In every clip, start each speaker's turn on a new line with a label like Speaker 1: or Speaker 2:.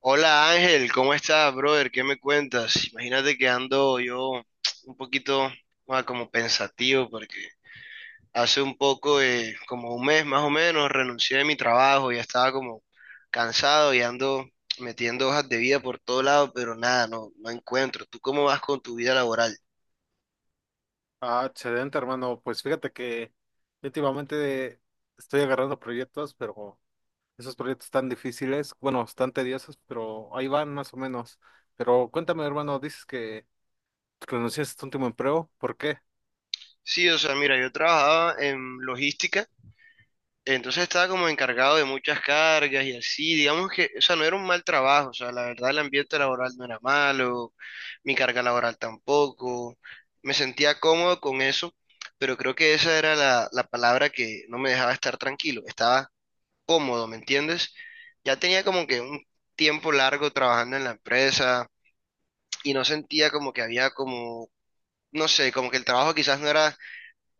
Speaker 1: Hola Ángel, ¿cómo estás, brother? ¿Qué me cuentas? Imagínate que ando yo un poquito como pensativo porque hace un poco, como un mes más o menos, renuncié de mi trabajo. Ya estaba como cansado y ando metiendo hojas de vida por todo lado, pero nada, no encuentro. ¿Tú cómo vas con tu vida laboral?
Speaker 2: Ah, excelente, hermano. Pues fíjate que últimamente estoy agarrando proyectos, pero esos proyectos están difíciles, bueno, están tediosos, pero ahí van más o menos. Pero cuéntame, hermano, dices que renunciaste a tu último empleo, ¿por qué?
Speaker 1: Sí, o sea, mira, yo trabajaba en logística, entonces estaba como encargado de muchas cargas y así, digamos que, o sea, no era un mal trabajo, o sea, la verdad el ambiente laboral no era malo, mi carga laboral tampoco. Me sentía cómodo con eso, pero creo que esa era la palabra que no me dejaba estar tranquilo. Estaba cómodo, ¿me entiendes? Ya tenía como que un tiempo largo trabajando en la empresa y no sentía como que había como, no sé, como que el trabajo quizás no era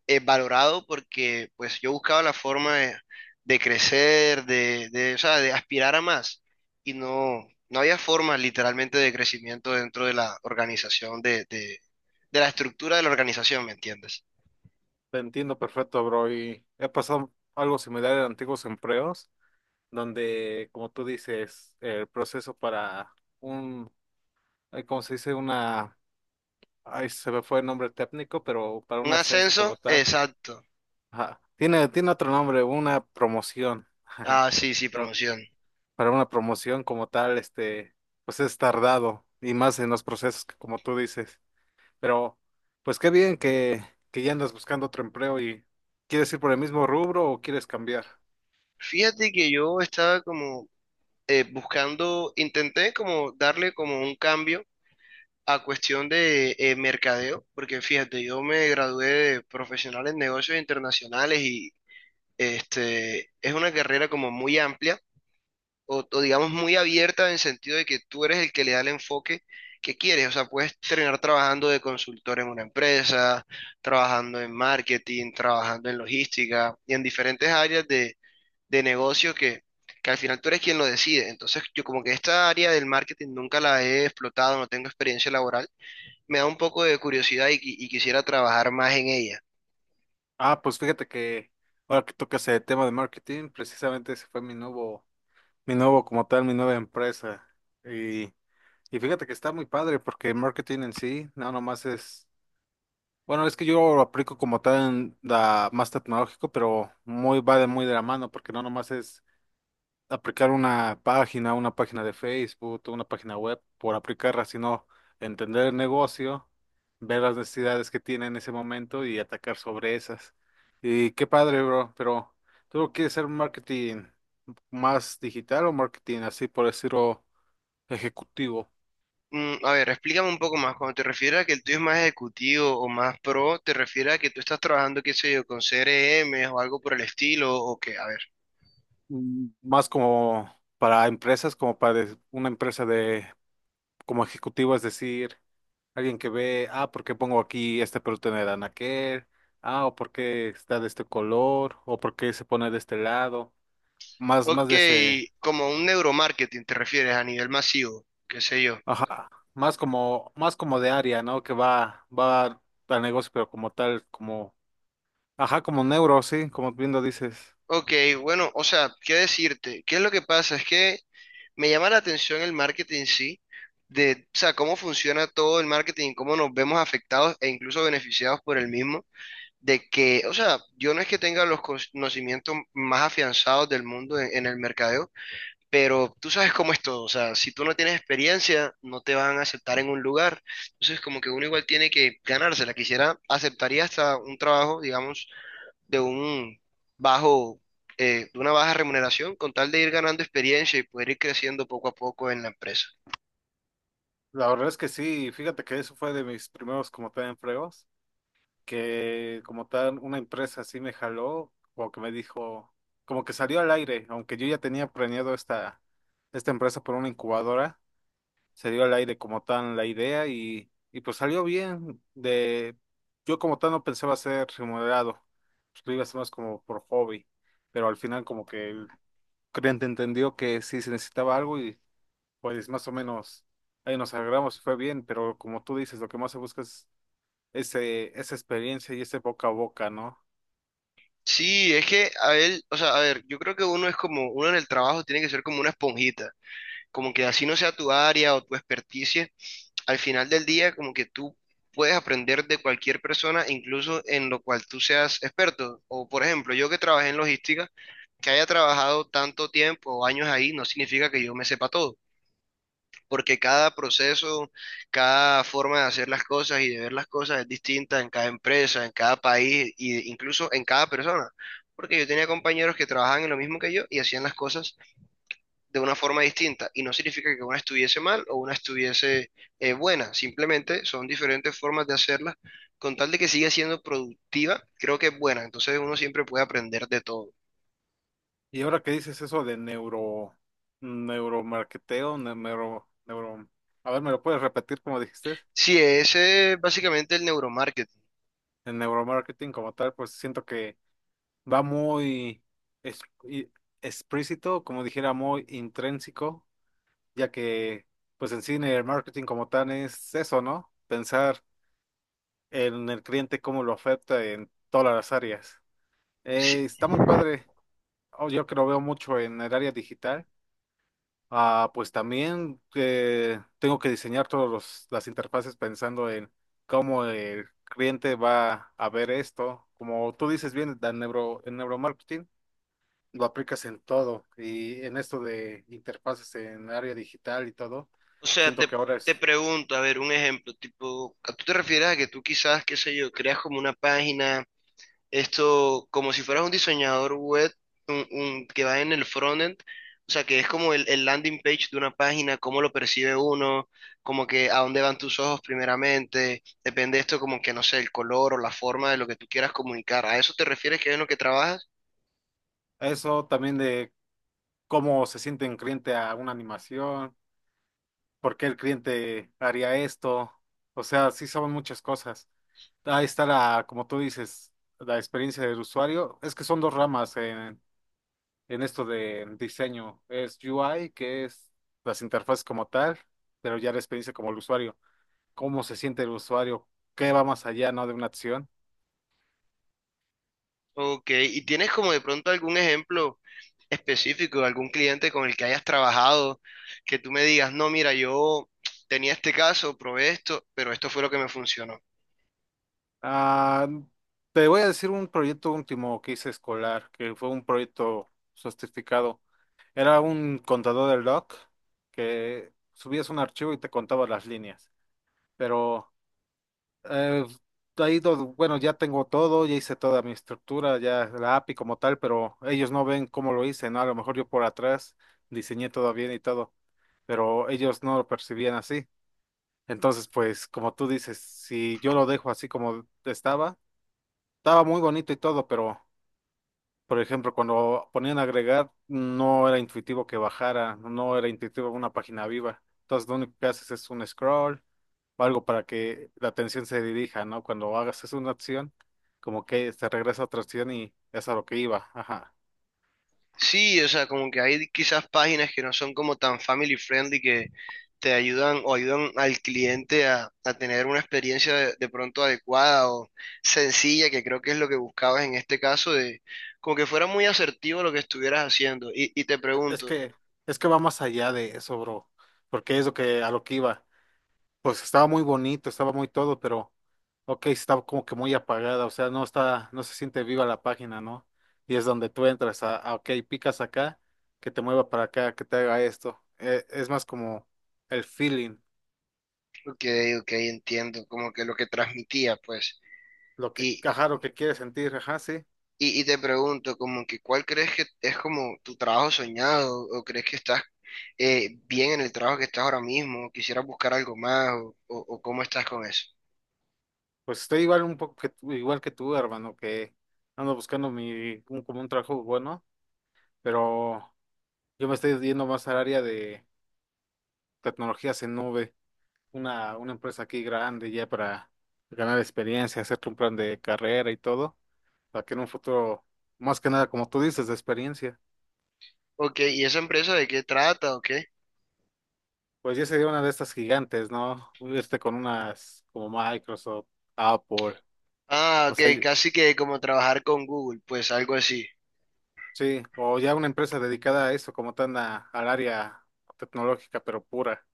Speaker 1: valorado, porque pues yo buscaba la forma de crecer, o sea, de aspirar a más, y no había forma literalmente de crecimiento dentro de la organización, de la estructura de la organización, ¿me entiendes?
Speaker 2: Te entiendo perfecto, bro, y he pasado algo similar en antiguos empleos, donde, como tú dices, el proceso para un, ¿cómo se dice? Una, ahí se me fue el nombre técnico, pero para
Speaker 1: Un
Speaker 2: un ascenso como
Speaker 1: ascenso,
Speaker 2: tal.
Speaker 1: exacto.
Speaker 2: Ajá. Tiene, tiene otro nombre, una promoción. Ajá.
Speaker 1: Ah, sí, sí,
Speaker 2: Pero
Speaker 1: promoción.
Speaker 2: para una promoción como tal, pues es tardado y más en los procesos que como tú dices. Pero, pues qué bien que ya andas buscando otro empleo. ¿Y quieres ir por el mismo rubro o quieres cambiar?
Speaker 1: Fíjate que yo estaba como buscando, intenté como darle como un cambio a cuestión de mercadeo, porque fíjate, yo me gradué de profesional en negocios internacionales. Y este, es una carrera como muy amplia o digamos muy abierta, en el sentido de que tú eres el que le da el enfoque que quieres. O sea, puedes terminar trabajando de consultor en una empresa, trabajando en marketing, trabajando en logística y en diferentes áreas de negocio, que al final tú eres quien lo decide. Entonces, yo como que esta área del marketing nunca la he explotado, no tengo experiencia laboral, me da un poco de curiosidad y y quisiera trabajar más en ella.
Speaker 2: Ah, pues fíjate que ahora que tocas el tema de marketing, precisamente ese fue mi nuevo como tal, mi nueva empresa. Y, y fíjate que está muy padre porque el marketing en sí, no nomás es... Bueno, es que yo lo aplico como tal en la más tecnológico, pero muy va de muy de la mano, porque no nomás es aplicar una página de Facebook, una página web por aplicarla, sino entender el negocio, ver las necesidades que tiene en ese momento y atacar sobre esas. Y qué padre, bro, pero ¿tú quieres hacer marketing más digital o marketing así por decirlo ejecutivo?
Speaker 1: Mm, a ver, explícame un poco más. Cuando te refieres a que el tuyo es más ejecutivo o más pro, ¿te refieres a que tú estás trabajando, qué sé yo, con CRM o algo por el estilo? ¿O qué? A ver.
Speaker 2: Más como para empresas, como para des- una empresa de como ejecutivo, es decir, alguien que ve, ah, ¿por qué pongo aquí este producto en el anaquel? Ah, o por qué está de este color, o por qué se pone de este lado, más, más
Speaker 1: Ok,
Speaker 2: de ese,
Speaker 1: como un neuromarketing te refieres, a nivel masivo, qué sé yo.
Speaker 2: ajá, más como de área, ¿no? Que va, va al negocio, pero como tal, como, ajá, como neuro, sí, como bien lo dices.
Speaker 1: Ok, bueno, o sea, ¿qué decirte? ¿Qué es lo que pasa? Es que me llama la atención el marketing en sí, de, o sea, cómo funciona todo el marketing, cómo nos vemos afectados e incluso beneficiados por el mismo. De que, o sea, yo no es que tenga los conocimientos más afianzados del mundo en el mercadeo, pero tú sabes cómo es todo. O sea, si tú no tienes experiencia, no te van a aceptar en un lugar, entonces como que uno igual tiene que ganársela. Quisiera, aceptaría hasta un trabajo, digamos, de un bajo, de una baja remuneración, con tal de ir ganando experiencia y poder ir creciendo poco a poco en la empresa.
Speaker 2: La verdad es que sí, fíjate que eso fue de mis primeros como tal empleos. Que como tal una empresa así me jaló, o que me dijo, como que salió al aire, aunque yo ya tenía planeado esta, esta empresa por una incubadora, salió al aire como tal la idea y pues salió bien. De, yo como tal no pensaba ser remunerado, pues lo iba a hacer más como por hobby, pero al final como que el cliente entendió que sí se necesitaba algo y pues más o menos ahí nos agarramos y fue bien, pero como tú dices, lo que más se busca es ese, esa experiencia y ese boca a boca, ¿no?
Speaker 1: Sí, es que a él, o sea, a ver, yo creo que uno es como, uno en el trabajo tiene que ser como una esponjita. Como que así no sea tu área o tu experticia, al final del día como que tú puedes aprender de cualquier persona, incluso en lo cual tú seas experto. O por ejemplo, yo que trabajé en logística, que haya trabajado tanto tiempo o años ahí, no significa que yo me sepa todo, porque cada proceso, cada forma de hacer las cosas y de ver las cosas es distinta en cada empresa, en cada país e incluso en cada persona. Porque yo tenía compañeros que trabajaban en lo mismo que yo y hacían las cosas de una forma distinta. Y no significa que una estuviese mal o una estuviese buena, simplemente son diferentes formas de hacerla. Con tal de que siga siendo productiva, creo que es buena. Entonces uno siempre puede aprender de todo.
Speaker 2: Y ahora que dices eso de neuro, neuromarketeo, ne- neuro, neuro, a ver, ¿me lo puedes repetir como dijiste?
Speaker 1: Sí, ese es básicamente el neuromarketing.
Speaker 2: El neuromarketing como tal, pues siento que va muy es- y- explícito, como dijera, muy intrínseco, ya que pues en cine el marketing como tal es eso, ¿no? Pensar en el cliente, cómo lo afecta en todas las áreas.
Speaker 1: Sí,
Speaker 2: Está muy padre. Oh, yo que lo veo mucho en el área digital. Ah, pues también tengo que diseñar todas las interfaces pensando en cómo el cliente va a ver esto. Como tú dices bien, el neuro, el neuromarketing lo aplicas en todo y en esto de interfaces en área digital y todo.
Speaker 1: o sea,
Speaker 2: Siento que ahora
Speaker 1: te
Speaker 2: es
Speaker 1: pregunto, a ver, un ejemplo, tipo, ¿a tú te refieres a que tú quizás, qué sé yo, creas como una página? Esto, como si fueras un diseñador web, que va en el frontend, o sea, que es como el landing page de una página, cómo lo percibe uno, como que a dónde van tus ojos primeramente, depende esto como que, no sé, el color o la forma de lo que tú quieras comunicar. ¿A eso te refieres que es en lo que trabajas?
Speaker 2: eso también de cómo se siente un cliente a una animación, por qué el cliente haría esto. O sea, sí son muchas cosas. Ahí está la, como tú dices, la experiencia del usuario. Es que son dos ramas en esto de diseño. Es UI, que es las interfaces como tal, pero ya la experiencia como el usuario. ¿Cómo se siente el usuario? ¿Qué va más allá, no, de una acción?
Speaker 1: Ok, ¿y tienes como de pronto algún ejemplo específico, de algún cliente con el que hayas trabajado, que tú me digas, no, mira, yo tenía este caso, probé esto, pero esto fue lo que me funcionó?
Speaker 2: Ah, te voy a decir un proyecto último que hice escolar, que fue un proyecto certificado. Era un contador de log que subías un archivo y te contaba las líneas, pero... Eh, ha ido, bueno, ya tengo todo, ya hice toda mi estructura, ya la API como tal, pero ellos no ven cómo lo hice, ¿no? A lo mejor yo por atrás diseñé todo bien y todo, pero ellos no lo percibían así. Entonces, pues, como tú dices, si yo lo dejo así como estaba, estaba muy bonito y todo, pero por ejemplo, cuando ponían agregar, no era intuitivo que bajara, no era intuitivo una página viva. Entonces, lo único que haces es un scroll o algo para que la atención se dirija, ¿no? Cuando hagas es una acción, como que se regresa a otra acción y es a lo que iba. Ajá.
Speaker 1: Sí, o sea, como que hay quizás páginas que no son como tan family friendly, que te ayudan o ayudan al cliente a tener una experiencia de pronto adecuada o sencilla, que creo que es lo que buscabas en este caso, de como que fuera muy asertivo lo que estuvieras haciendo.
Speaker 2: Es que, es que va más allá de eso, bro, porque es lo que a lo que iba. Pues estaba muy bonito, estaba muy todo, pero ok, estaba como que muy apagada, o sea, no está, no se siente viva la página, ¿no? Y es donde tú entras a, ok, picas acá, que te mueva para acá, que te haga esto. Es más como el feeling,
Speaker 1: Ok, ok, entiendo, como que lo que transmitía, pues.
Speaker 2: lo que, ajá, lo que quieres sentir, ajá, sí.
Speaker 1: Y te pregunto, como que, ¿cuál crees que es como tu trabajo soñado? ¿O crees que estás bien en el trabajo que estás ahora mismo? ¿Quisieras buscar algo más? ¿O cómo estás con eso?
Speaker 2: Pues estoy igual un poco que, tú- igual que tú, hermano, que ando buscando mi, un, como un trabajo bueno, pero yo me estoy yendo más al área de tecnologías en nube. Una empresa aquí grande ya para ganar experiencia, hacerte un plan de carrera y todo, para que en un futuro, más que nada, como tú dices, de experiencia,
Speaker 1: Ok, ¿y esa empresa de qué trata o qué?
Speaker 2: pues ya sería una de estas gigantes, ¿no? Irte con unas como Microsoft, Apple,
Speaker 1: Ah,
Speaker 2: o sea,
Speaker 1: ok,
Speaker 2: y-
Speaker 1: casi que como trabajar con Google, pues algo así.
Speaker 2: sí, o ya una empresa dedicada a eso, como tan a- al área tecnológica, pero pura.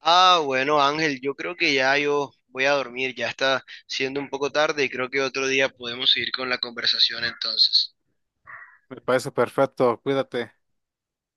Speaker 1: Ah, bueno, Ángel, yo creo que ya yo voy a dormir, ya está siendo un poco tarde y creo que otro día podemos seguir con la conversación entonces.
Speaker 2: Me parece perfecto, cuídate.